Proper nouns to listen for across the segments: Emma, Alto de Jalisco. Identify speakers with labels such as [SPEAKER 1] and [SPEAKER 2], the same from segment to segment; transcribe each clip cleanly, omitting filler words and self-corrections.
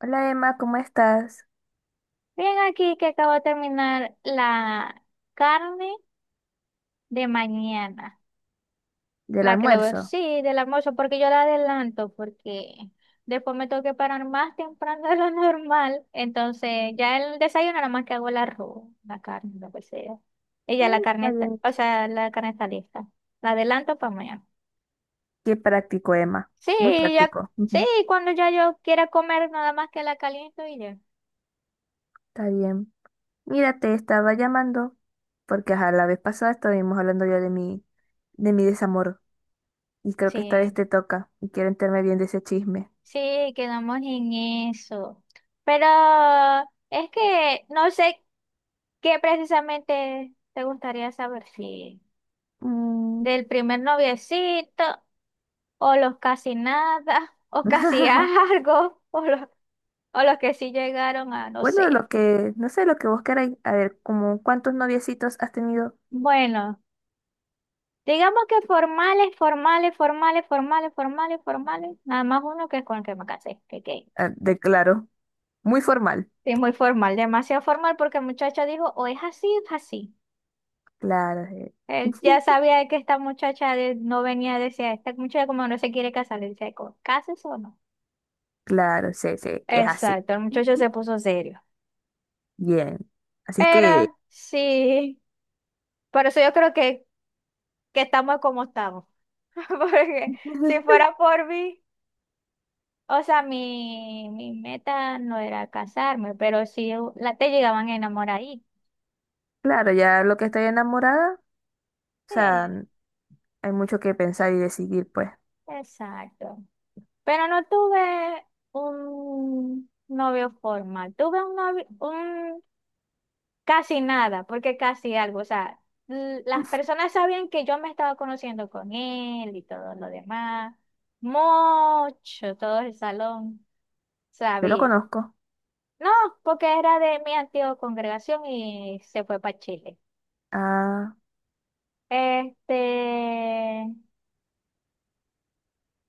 [SPEAKER 1] Hola Emma, ¿cómo estás?
[SPEAKER 2] Bien, aquí que acabo de terminar la carne de mañana,
[SPEAKER 1] ¿Del
[SPEAKER 2] la que le voy,
[SPEAKER 1] almuerzo?
[SPEAKER 2] sí, del almuerzo, porque yo la adelanto, porque después me tengo que parar más temprano de lo normal, entonces ya el desayuno nada más que hago el arroz, la carne, lo que sea. Y ya la
[SPEAKER 1] Mm,
[SPEAKER 2] carne
[SPEAKER 1] está
[SPEAKER 2] está,
[SPEAKER 1] bien
[SPEAKER 2] o
[SPEAKER 1] eso.
[SPEAKER 2] sea, la carne está lista, la adelanto para mañana.
[SPEAKER 1] Qué práctico, Emma.
[SPEAKER 2] Sí,
[SPEAKER 1] Muy
[SPEAKER 2] ya,
[SPEAKER 1] práctico.
[SPEAKER 2] sí,
[SPEAKER 1] Ujú.
[SPEAKER 2] cuando ya yo quiera comer, nada más que la caliento y ya.
[SPEAKER 1] Está bien. Mira, te estaba llamando porque ajá, la vez pasada estuvimos hablando ya de mi desamor y creo que esta vez
[SPEAKER 2] Sí.
[SPEAKER 1] te toca y quiero enterarme bien de ese chisme.
[SPEAKER 2] Sí, quedamos en eso. Pero es que no sé qué precisamente te gustaría saber, si
[SPEAKER 1] Mm.
[SPEAKER 2] del primer noviecito, o los casi nada, o casi algo, o los que sí llegaron a, no
[SPEAKER 1] Bueno,
[SPEAKER 2] sé.
[SPEAKER 1] lo que, no sé, lo que vos queráis. A ver, ¿como cuántos noviecitos has tenido?
[SPEAKER 2] Bueno, digamos que formales, formales, formales, formales, formales, formales, nada más uno que es con el que me casé, que gay.
[SPEAKER 1] Ah, de claro, muy formal.
[SPEAKER 2] Sí, muy formal, demasiado formal porque el muchacho dijo, o es así, es así.
[SPEAKER 1] Claro, eh.
[SPEAKER 2] Él ya sabía que esta muchacha no venía, decía, esta muchacha como no se quiere casar, le decía, ¿cases o no?
[SPEAKER 1] Claro, sí, sí, es así.
[SPEAKER 2] Exacto, el muchacho se puso serio.
[SPEAKER 1] Bien. Así es que,
[SPEAKER 2] Pero sí, por eso yo creo que estamos como estamos. Porque si fuera por mí, o sea, mi meta no era casarme, pero sí la, te llegaban enamoraditas.
[SPEAKER 1] claro, ya lo que estoy enamorada, o sea,
[SPEAKER 2] Sí,
[SPEAKER 1] hay mucho que pensar y decidir, pues.
[SPEAKER 2] exacto. Pero no tuve un novio formal, tuve un novio, casi nada, porque casi algo. O sea, las personas sabían que yo me estaba conociendo con él y todo lo demás. Mucho, todo el salón
[SPEAKER 1] Yo lo
[SPEAKER 2] sabía.
[SPEAKER 1] conozco.
[SPEAKER 2] No, porque era de mi antigua congregación y se fue para Chile.
[SPEAKER 1] Ah,
[SPEAKER 2] Este,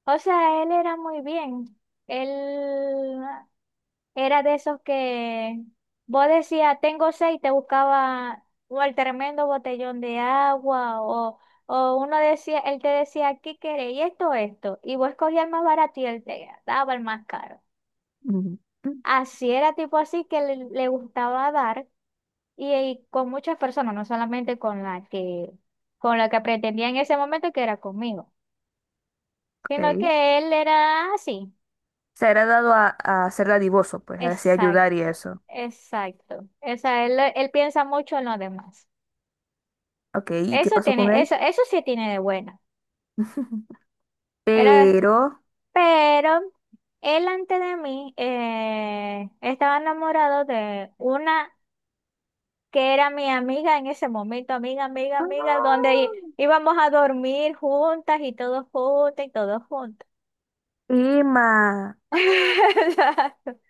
[SPEAKER 2] o sea, él era muy bien. Él era de esos que vos decías, tengo sed y te buscaba o el tremendo botellón de agua o uno decía, él te decía, ¿qué querés? Y esto, esto. Y vos escogías el más barato y él te daba el más caro.
[SPEAKER 1] ujú,
[SPEAKER 2] Así era tipo así que le gustaba dar y con muchas personas, no solamente con la con la que pretendía en ese momento que era conmigo, sino
[SPEAKER 1] ok.
[SPEAKER 2] que él era así.
[SPEAKER 1] Se ha dado a ser dadivoso, pues, así ayudar y
[SPEAKER 2] Exacto,
[SPEAKER 1] eso.
[SPEAKER 2] exacto. O sea, él piensa mucho en los demás.
[SPEAKER 1] Ok, ¿y qué
[SPEAKER 2] Eso
[SPEAKER 1] pasó con
[SPEAKER 2] tiene,
[SPEAKER 1] él?
[SPEAKER 2] eso sí tiene de bueno. Era,
[SPEAKER 1] Pero...
[SPEAKER 2] pero él antes de mí estaba enamorado de una que era mi amiga en ese momento, amiga, amiga, amiga, donde
[SPEAKER 1] ¡Ah!
[SPEAKER 2] íbamos a dormir juntas y todos juntos y todos juntos.
[SPEAKER 1] Emma, ¡ah,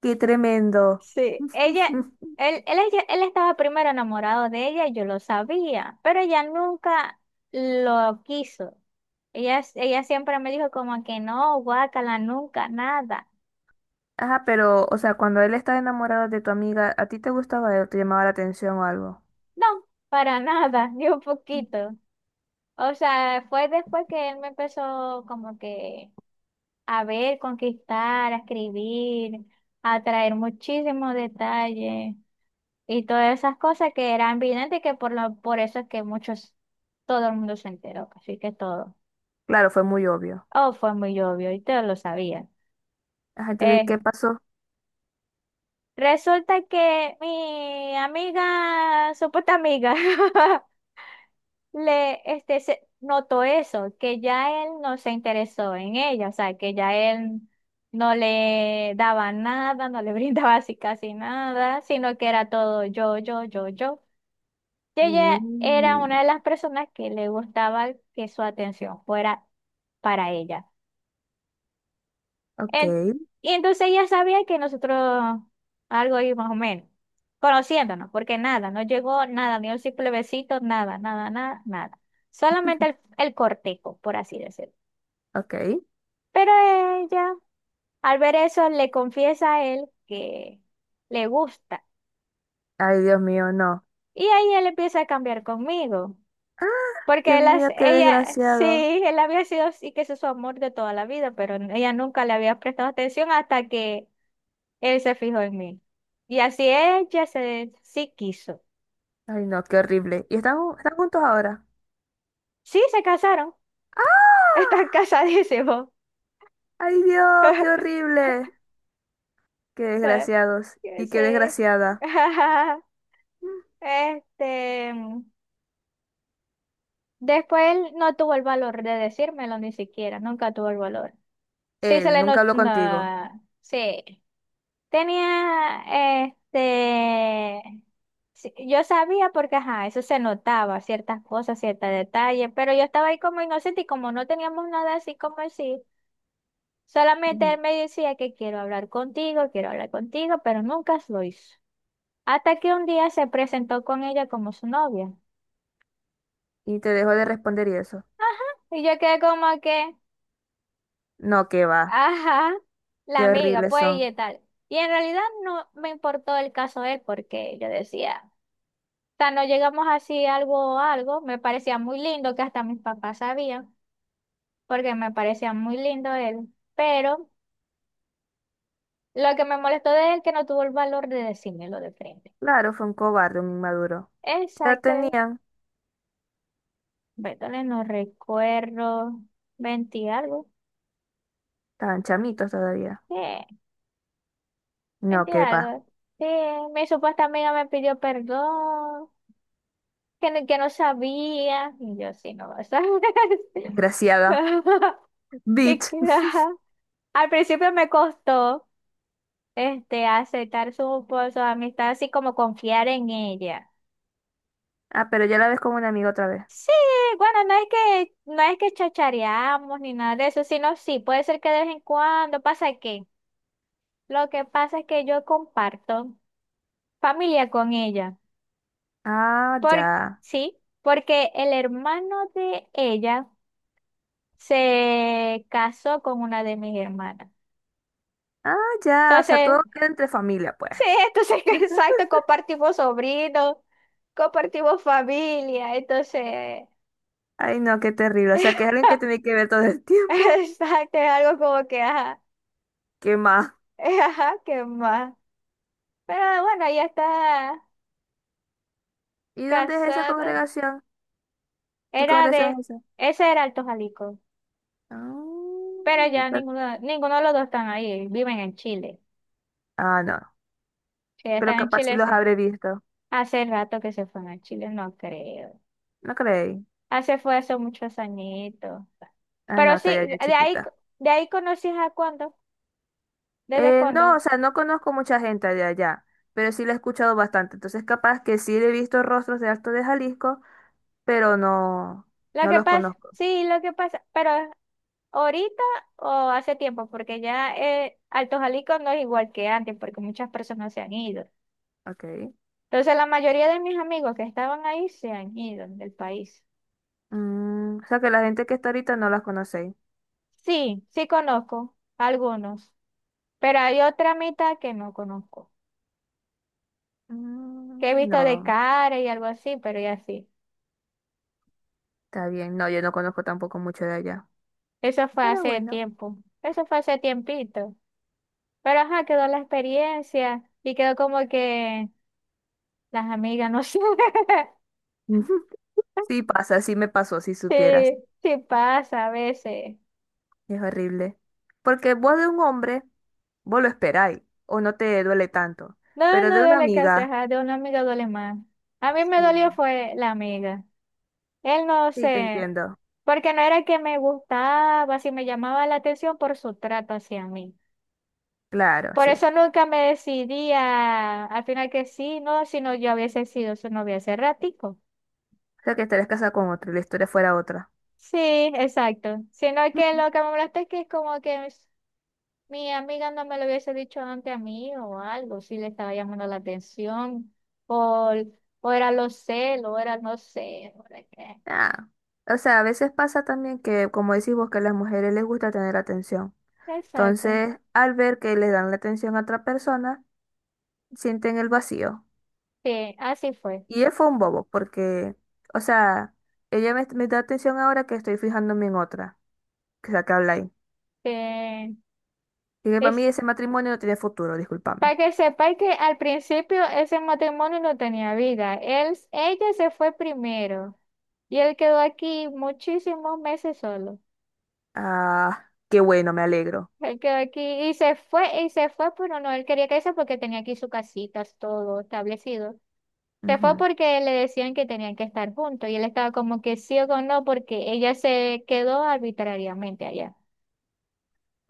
[SPEAKER 1] qué tremendo!
[SPEAKER 2] Sí, ella, él estaba primero enamorado de ella, yo lo sabía, pero ella nunca lo quiso. Ella siempre me dijo como que no, guácala, nunca, nada.
[SPEAKER 1] Ajá, pero, o sea, cuando él estaba enamorado de tu amiga, ¿a ti te gustaba él? ¿Te llamaba la atención o algo?
[SPEAKER 2] No, para nada, ni un
[SPEAKER 1] Mm.
[SPEAKER 2] poquito. O sea, fue después que él me empezó como que a ver, conquistar, a escribir, a traer muchísimos detalles y todas esas cosas que eran evidentes y que por eso es que muchos, todo el mundo se enteró, así que todo.
[SPEAKER 1] Claro, fue muy obvio.
[SPEAKER 2] Oh, fue muy obvio y todos lo sabían.
[SPEAKER 1] Ajá, entonces,
[SPEAKER 2] Eh,
[SPEAKER 1] ¿qué pasó?
[SPEAKER 2] resulta que mi amiga, supuesta amiga, se notó eso, que ya él no se interesó en ella, o sea, que ya él no le daba nada, no le brindaba así casi nada, sino que era todo yo. Que ella era
[SPEAKER 1] Mm.
[SPEAKER 2] una de las personas que le gustaba que su atención fuera para ella.
[SPEAKER 1] Ok,
[SPEAKER 2] En- y entonces ella sabía que nosotros algo ahí más o menos, conociéndonos, porque nada, no llegó nada, ni un simple besito, nada, nada, nada, nada. Solamente el cortejo, por así decirlo.
[SPEAKER 1] ok.
[SPEAKER 2] Pero ella, al ver eso, le confiesa a él que le gusta.
[SPEAKER 1] Ay, Dios mío, no.
[SPEAKER 2] Y ahí él empieza a cambiar conmigo. Porque
[SPEAKER 1] Dios mío, qué desgraciado.
[SPEAKER 2] él había sido, sí que ese es su amor de toda la vida, pero ella nunca le había prestado atención hasta que él se fijó en mí. Y así ella se, sí quiso.
[SPEAKER 1] Ay, no, qué horrible. ¿Y están, ju- están juntos ahora?
[SPEAKER 2] Sí, se casaron. Están casadísimos.
[SPEAKER 1] Ay, Dios, qué horrible. Qué desgraciados
[SPEAKER 2] Que
[SPEAKER 1] y qué desgraciada. Mm.
[SPEAKER 2] Este, después él no tuvo el valor de decírmelo ni siquiera, nunca tuvo el valor. Sí, se
[SPEAKER 1] ¿Él
[SPEAKER 2] le
[SPEAKER 1] nunca
[SPEAKER 2] notó,
[SPEAKER 1] habló contigo?
[SPEAKER 2] sí. Tenía, este, sí, yo sabía porque, ajá, eso se notaba, ciertas cosas, ciertos detalles, pero yo estaba ahí como inocente y como no teníamos nada así como así, solamente
[SPEAKER 1] Ujú.
[SPEAKER 2] él me decía que quiero hablar contigo, pero nunca lo hizo. Hasta que un día se presentó con ella como su novia.
[SPEAKER 1] Y te dejó de responder y eso.
[SPEAKER 2] Y yo quedé como que,
[SPEAKER 1] No, qué va.
[SPEAKER 2] ajá, la
[SPEAKER 1] Qué
[SPEAKER 2] amiga,
[SPEAKER 1] horribles
[SPEAKER 2] pues
[SPEAKER 1] son.
[SPEAKER 2] y tal. Y en realidad no me importó el caso de él porque yo decía... sea, no llegamos así algo a algo. Me parecía muy lindo, que hasta mis papás sabían, porque me parecía muy lindo él. Pero lo que me molestó de él que no tuvo el valor de decírmelo de frente.
[SPEAKER 1] Claro, fue un cobarde, un inmaduro. Ya
[SPEAKER 2] Exacto, él.
[SPEAKER 1] tenían,
[SPEAKER 2] Bertale, no recuerdo. 20 algo.
[SPEAKER 1] estaban chamitos todavía.
[SPEAKER 2] Sí,
[SPEAKER 1] No,
[SPEAKER 2] 20
[SPEAKER 1] qué va.
[SPEAKER 2] algo. Sí, mi supuesta amiga me pidió perdón, que no sabía. Y yo sí, no lo sabía.
[SPEAKER 1] Desgraciada.
[SPEAKER 2] Y
[SPEAKER 1] Bitch.
[SPEAKER 2] que, ajá. Al principio me costó. Aceptar su, pues, su amistad, así como confiar en ella.
[SPEAKER 1] Ah, pero ya la ves como un amigo otra vez.
[SPEAKER 2] Sí, bueno, no es que chachareamos ni nada de eso, sino sí, puede ser que de vez en cuando pasa que. Lo que pasa es que yo comparto familia con ella.
[SPEAKER 1] Ah,
[SPEAKER 2] Por,
[SPEAKER 1] ya.
[SPEAKER 2] sí, porque el hermano de ella se casó con una de mis hermanas.
[SPEAKER 1] Ah, ya. O sea,
[SPEAKER 2] Entonces,
[SPEAKER 1] todo queda entre familia, pues.
[SPEAKER 2] sí, entonces, exacto, compartimos sobrinos, compartimos familia, entonces.
[SPEAKER 1] Ay, no, qué terrible. O sea, que es alguien que tiene que ver todo el tiempo.
[SPEAKER 2] Exacto, es algo como que, ajá,
[SPEAKER 1] ¿Qué más?
[SPEAKER 2] ajá, qué más. Pero bueno, ella está
[SPEAKER 1] ¿Y dónde es esa
[SPEAKER 2] casada.
[SPEAKER 1] congregación? ¿Qué
[SPEAKER 2] Era
[SPEAKER 1] congregación
[SPEAKER 2] de,
[SPEAKER 1] es esa?
[SPEAKER 2] ese era Alto Jalisco. Pero
[SPEAKER 1] Ah,
[SPEAKER 2] ya
[SPEAKER 1] ta-
[SPEAKER 2] ninguno, ninguno de los dos están ahí, viven en Chile.
[SPEAKER 1] ah, no.
[SPEAKER 2] Si ya
[SPEAKER 1] Pero
[SPEAKER 2] están en
[SPEAKER 1] capaz sí
[SPEAKER 2] Chile,
[SPEAKER 1] los habré visto.
[SPEAKER 2] hace rato que se fueron a Chile, no creo.
[SPEAKER 1] No creí.
[SPEAKER 2] Hace fue hace muchos añitos.
[SPEAKER 1] Ah,
[SPEAKER 2] Pero
[SPEAKER 1] no, estaría
[SPEAKER 2] sí,
[SPEAKER 1] yo chiquita.
[SPEAKER 2] de ahí conocí a cuándo, desde
[SPEAKER 1] No, o
[SPEAKER 2] cuándo.
[SPEAKER 1] sea, no conozco mucha gente de allá, pero sí la he escuchado bastante. Entonces, capaz que sí he visto rostros de Alto de Jalisco, pero no, no los conozco.
[SPEAKER 2] Lo que pasa, pero ahorita o hace tiempo, porque ya Alto Jalisco no es igual que antes, porque muchas personas se han ido.
[SPEAKER 1] Ok.
[SPEAKER 2] Entonces, la mayoría de mis amigos que estaban ahí se han ido del país.
[SPEAKER 1] Mm, o sea que la gente que está ahorita no las conocéis.
[SPEAKER 2] Sí conozco algunos, pero hay otra mitad que no conozco, que he
[SPEAKER 1] Mm,
[SPEAKER 2] visto de
[SPEAKER 1] no,
[SPEAKER 2] cara y algo así, pero ya sí.
[SPEAKER 1] está bien. No, yo no conozco tampoco mucho de allá.
[SPEAKER 2] Eso fue
[SPEAKER 1] Pero
[SPEAKER 2] hace
[SPEAKER 1] bueno.
[SPEAKER 2] tiempo, eso fue hace tiempito. Pero ajá, quedó la experiencia y quedó como que las amigas, no sé,
[SPEAKER 1] Ujú. Sí pasa, sí me pasó, si supieras.
[SPEAKER 2] sí, sí pasa a veces.
[SPEAKER 1] Es horrible. Porque vos de un hombre, vos lo esperáis, o no te duele tanto.
[SPEAKER 2] No,
[SPEAKER 1] Pero
[SPEAKER 2] no
[SPEAKER 1] de una
[SPEAKER 2] duele casi,
[SPEAKER 1] amiga,
[SPEAKER 2] ajá, de una amiga duele más. A mí me dolió
[SPEAKER 1] sí,
[SPEAKER 2] fue la amiga. Él no
[SPEAKER 1] sí te
[SPEAKER 2] sé,
[SPEAKER 1] entiendo.
[SPEAKER 2] porque no era que me gustaba, si me llamaba la atención por su trato hacia mí.
[SPEAKER 1] Claro,
[SPEAKER 2] Por
[SPEAKER 1] sí.
[SPEAKER 2] eso nunca me decidía al final que sí, no, si no yo hubiese sido su novia hace ratico.
[SPEAKER 1] O sea que estarías casada con otro y la historia fuera otra.
[SPEAKER 2] Sí, exacto. Sino que lo que me molesta es que es como que mi amiga no me lo hubiese dicho antes a mí o algo, si le estaba llamando la atención, por, o era los celos, o era no sé, o era qué.
[SPEAKER 1] Ah. O sea, a veces pasa también que, como decís vos, que a las mujeres les gusta tener atención.
[SPEAKER 2] Exacto,
[SPEAKER 1] Entonces, al ver que le dan la atención a otra persona, sienten el vacío.
[SPEAKER 2] sí, así fue.
[SPEAKER 1] Y él fue un bobo, porque, o sea, ella me, me da atención ahora que estoy fijándome en otra, que es la que habla ahí.
[SPEAKER 2] Que
[SPEAKER 1] Y que para mí
[SPEAKER 2] es,
[SPEAKER 1] ese matrimonio no tiene futuro, discúlpame.
[SPEAKER 2] para que sepáis que al principio ese matrimonio no tenía vida. Él, ella se fue primero y él quedó aquí muchísimos meses solo.
[SPEAKER 1] Ah, qué bueno, me alegro.
[SPEAKER 2] Él quedó aquí y se fue, pero no, él quería que eso porque tenía aquí su casita, todo establecido. Se fue
[SPEAKER 1] Ujú.
[SPEAKER 2] porque le decían que tenían que estar juntos y él estaba como que sí o con no porque ella se quedó arbitrariamente allá.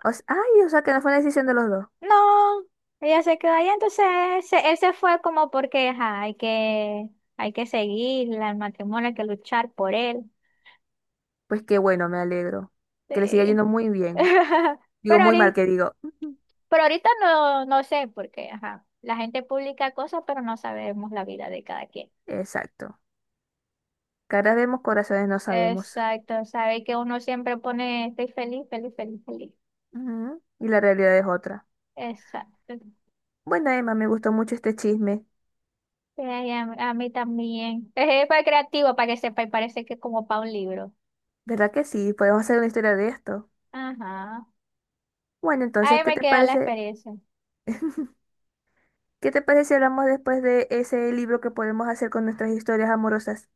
[SPEAKER 1] O sea, ay, o sea, que no fue una decisión de los dos.
[SPEAKER 2] No, ella se quedó allá, entonces él se fue como porque ajá, hay que seguir el matrimonio, hay que luchar por él.
[SPEAKER 1] Pues qué bueno, me alegro. Que le siga
[SPEAKER 2] Sí.
[SPEAKER 1] yendo muy bien. Digo,
[SPEAKER 2] Pero
[SPEAKER 1] muy mal,
[SPEAKER 2] ahorita,
[SPEAKER 1] que digo. Ujú.
[SPEAKER 2] pero ahorita no, no sé porque ajá, la gente publica cosas pero no sabemos la vida de cada quien.
[SPEAKER 1] Exacto. Caras vemos, corazones no sabemos.
[SPEAKER 2] Exacto, sabe que uno siempre pone estoy feliz, feliz, feliz, feliz.
[SPEAKER 1] Ujú. Y la realidad es otra.
[SPEAKER 2] Exacto.
[SPEAKER 1] Bueno, Emma, me gustó mucho este chisme.
[SPEAKER 2] Sí, a mí a mí también. Es para creativo, para que sepa, y parece que es como para un libro.
[SPEAKER 1] ¿Verdad que sí? Podemos hacer una historia de esto.
[SPEAKER 2] Ajá.
[SPEAKER 1] Bueno, entonces,
[SPEAKER 2] Ahí
[SPEAKER 1] ¿qué
[SPEAKER 2] me
[SPEAKER 1] te
[SPEAKER 2] queda la
[SPEAKER 1] parece?
[SPEAKER 2] experiencia
[SPEAKER 1] ¿Qué te parece si hablamos después de ese libro que podemos hacer con nuestras historias amorosas?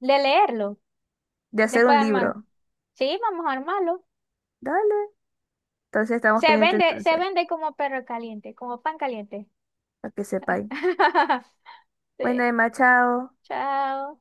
[SPEAKER 2] de leerlo,
[SPEAKER 1] De hacer
[SPEAKER 2] después
[SPEAKER 1] un
[SPEAKER 2] de armarlo.
[SPEAKER 1] libro.
[SPEAKER 2] Sí, vamos a armarlo.
[SPEAKER 1] Dale. Entonces estamos pendientes
[SPEAKER 2] Se
[SPEAKER 1] entonces,
[SPEAKER 2] vende como perro caliente, como pan caliente.
[SPEAKER 1] para que sepáis.
[SPEAKER 2] Sí.
[SPEAKER 1] Bueno, Emma, chao.
[SPEAKER 2] Chao.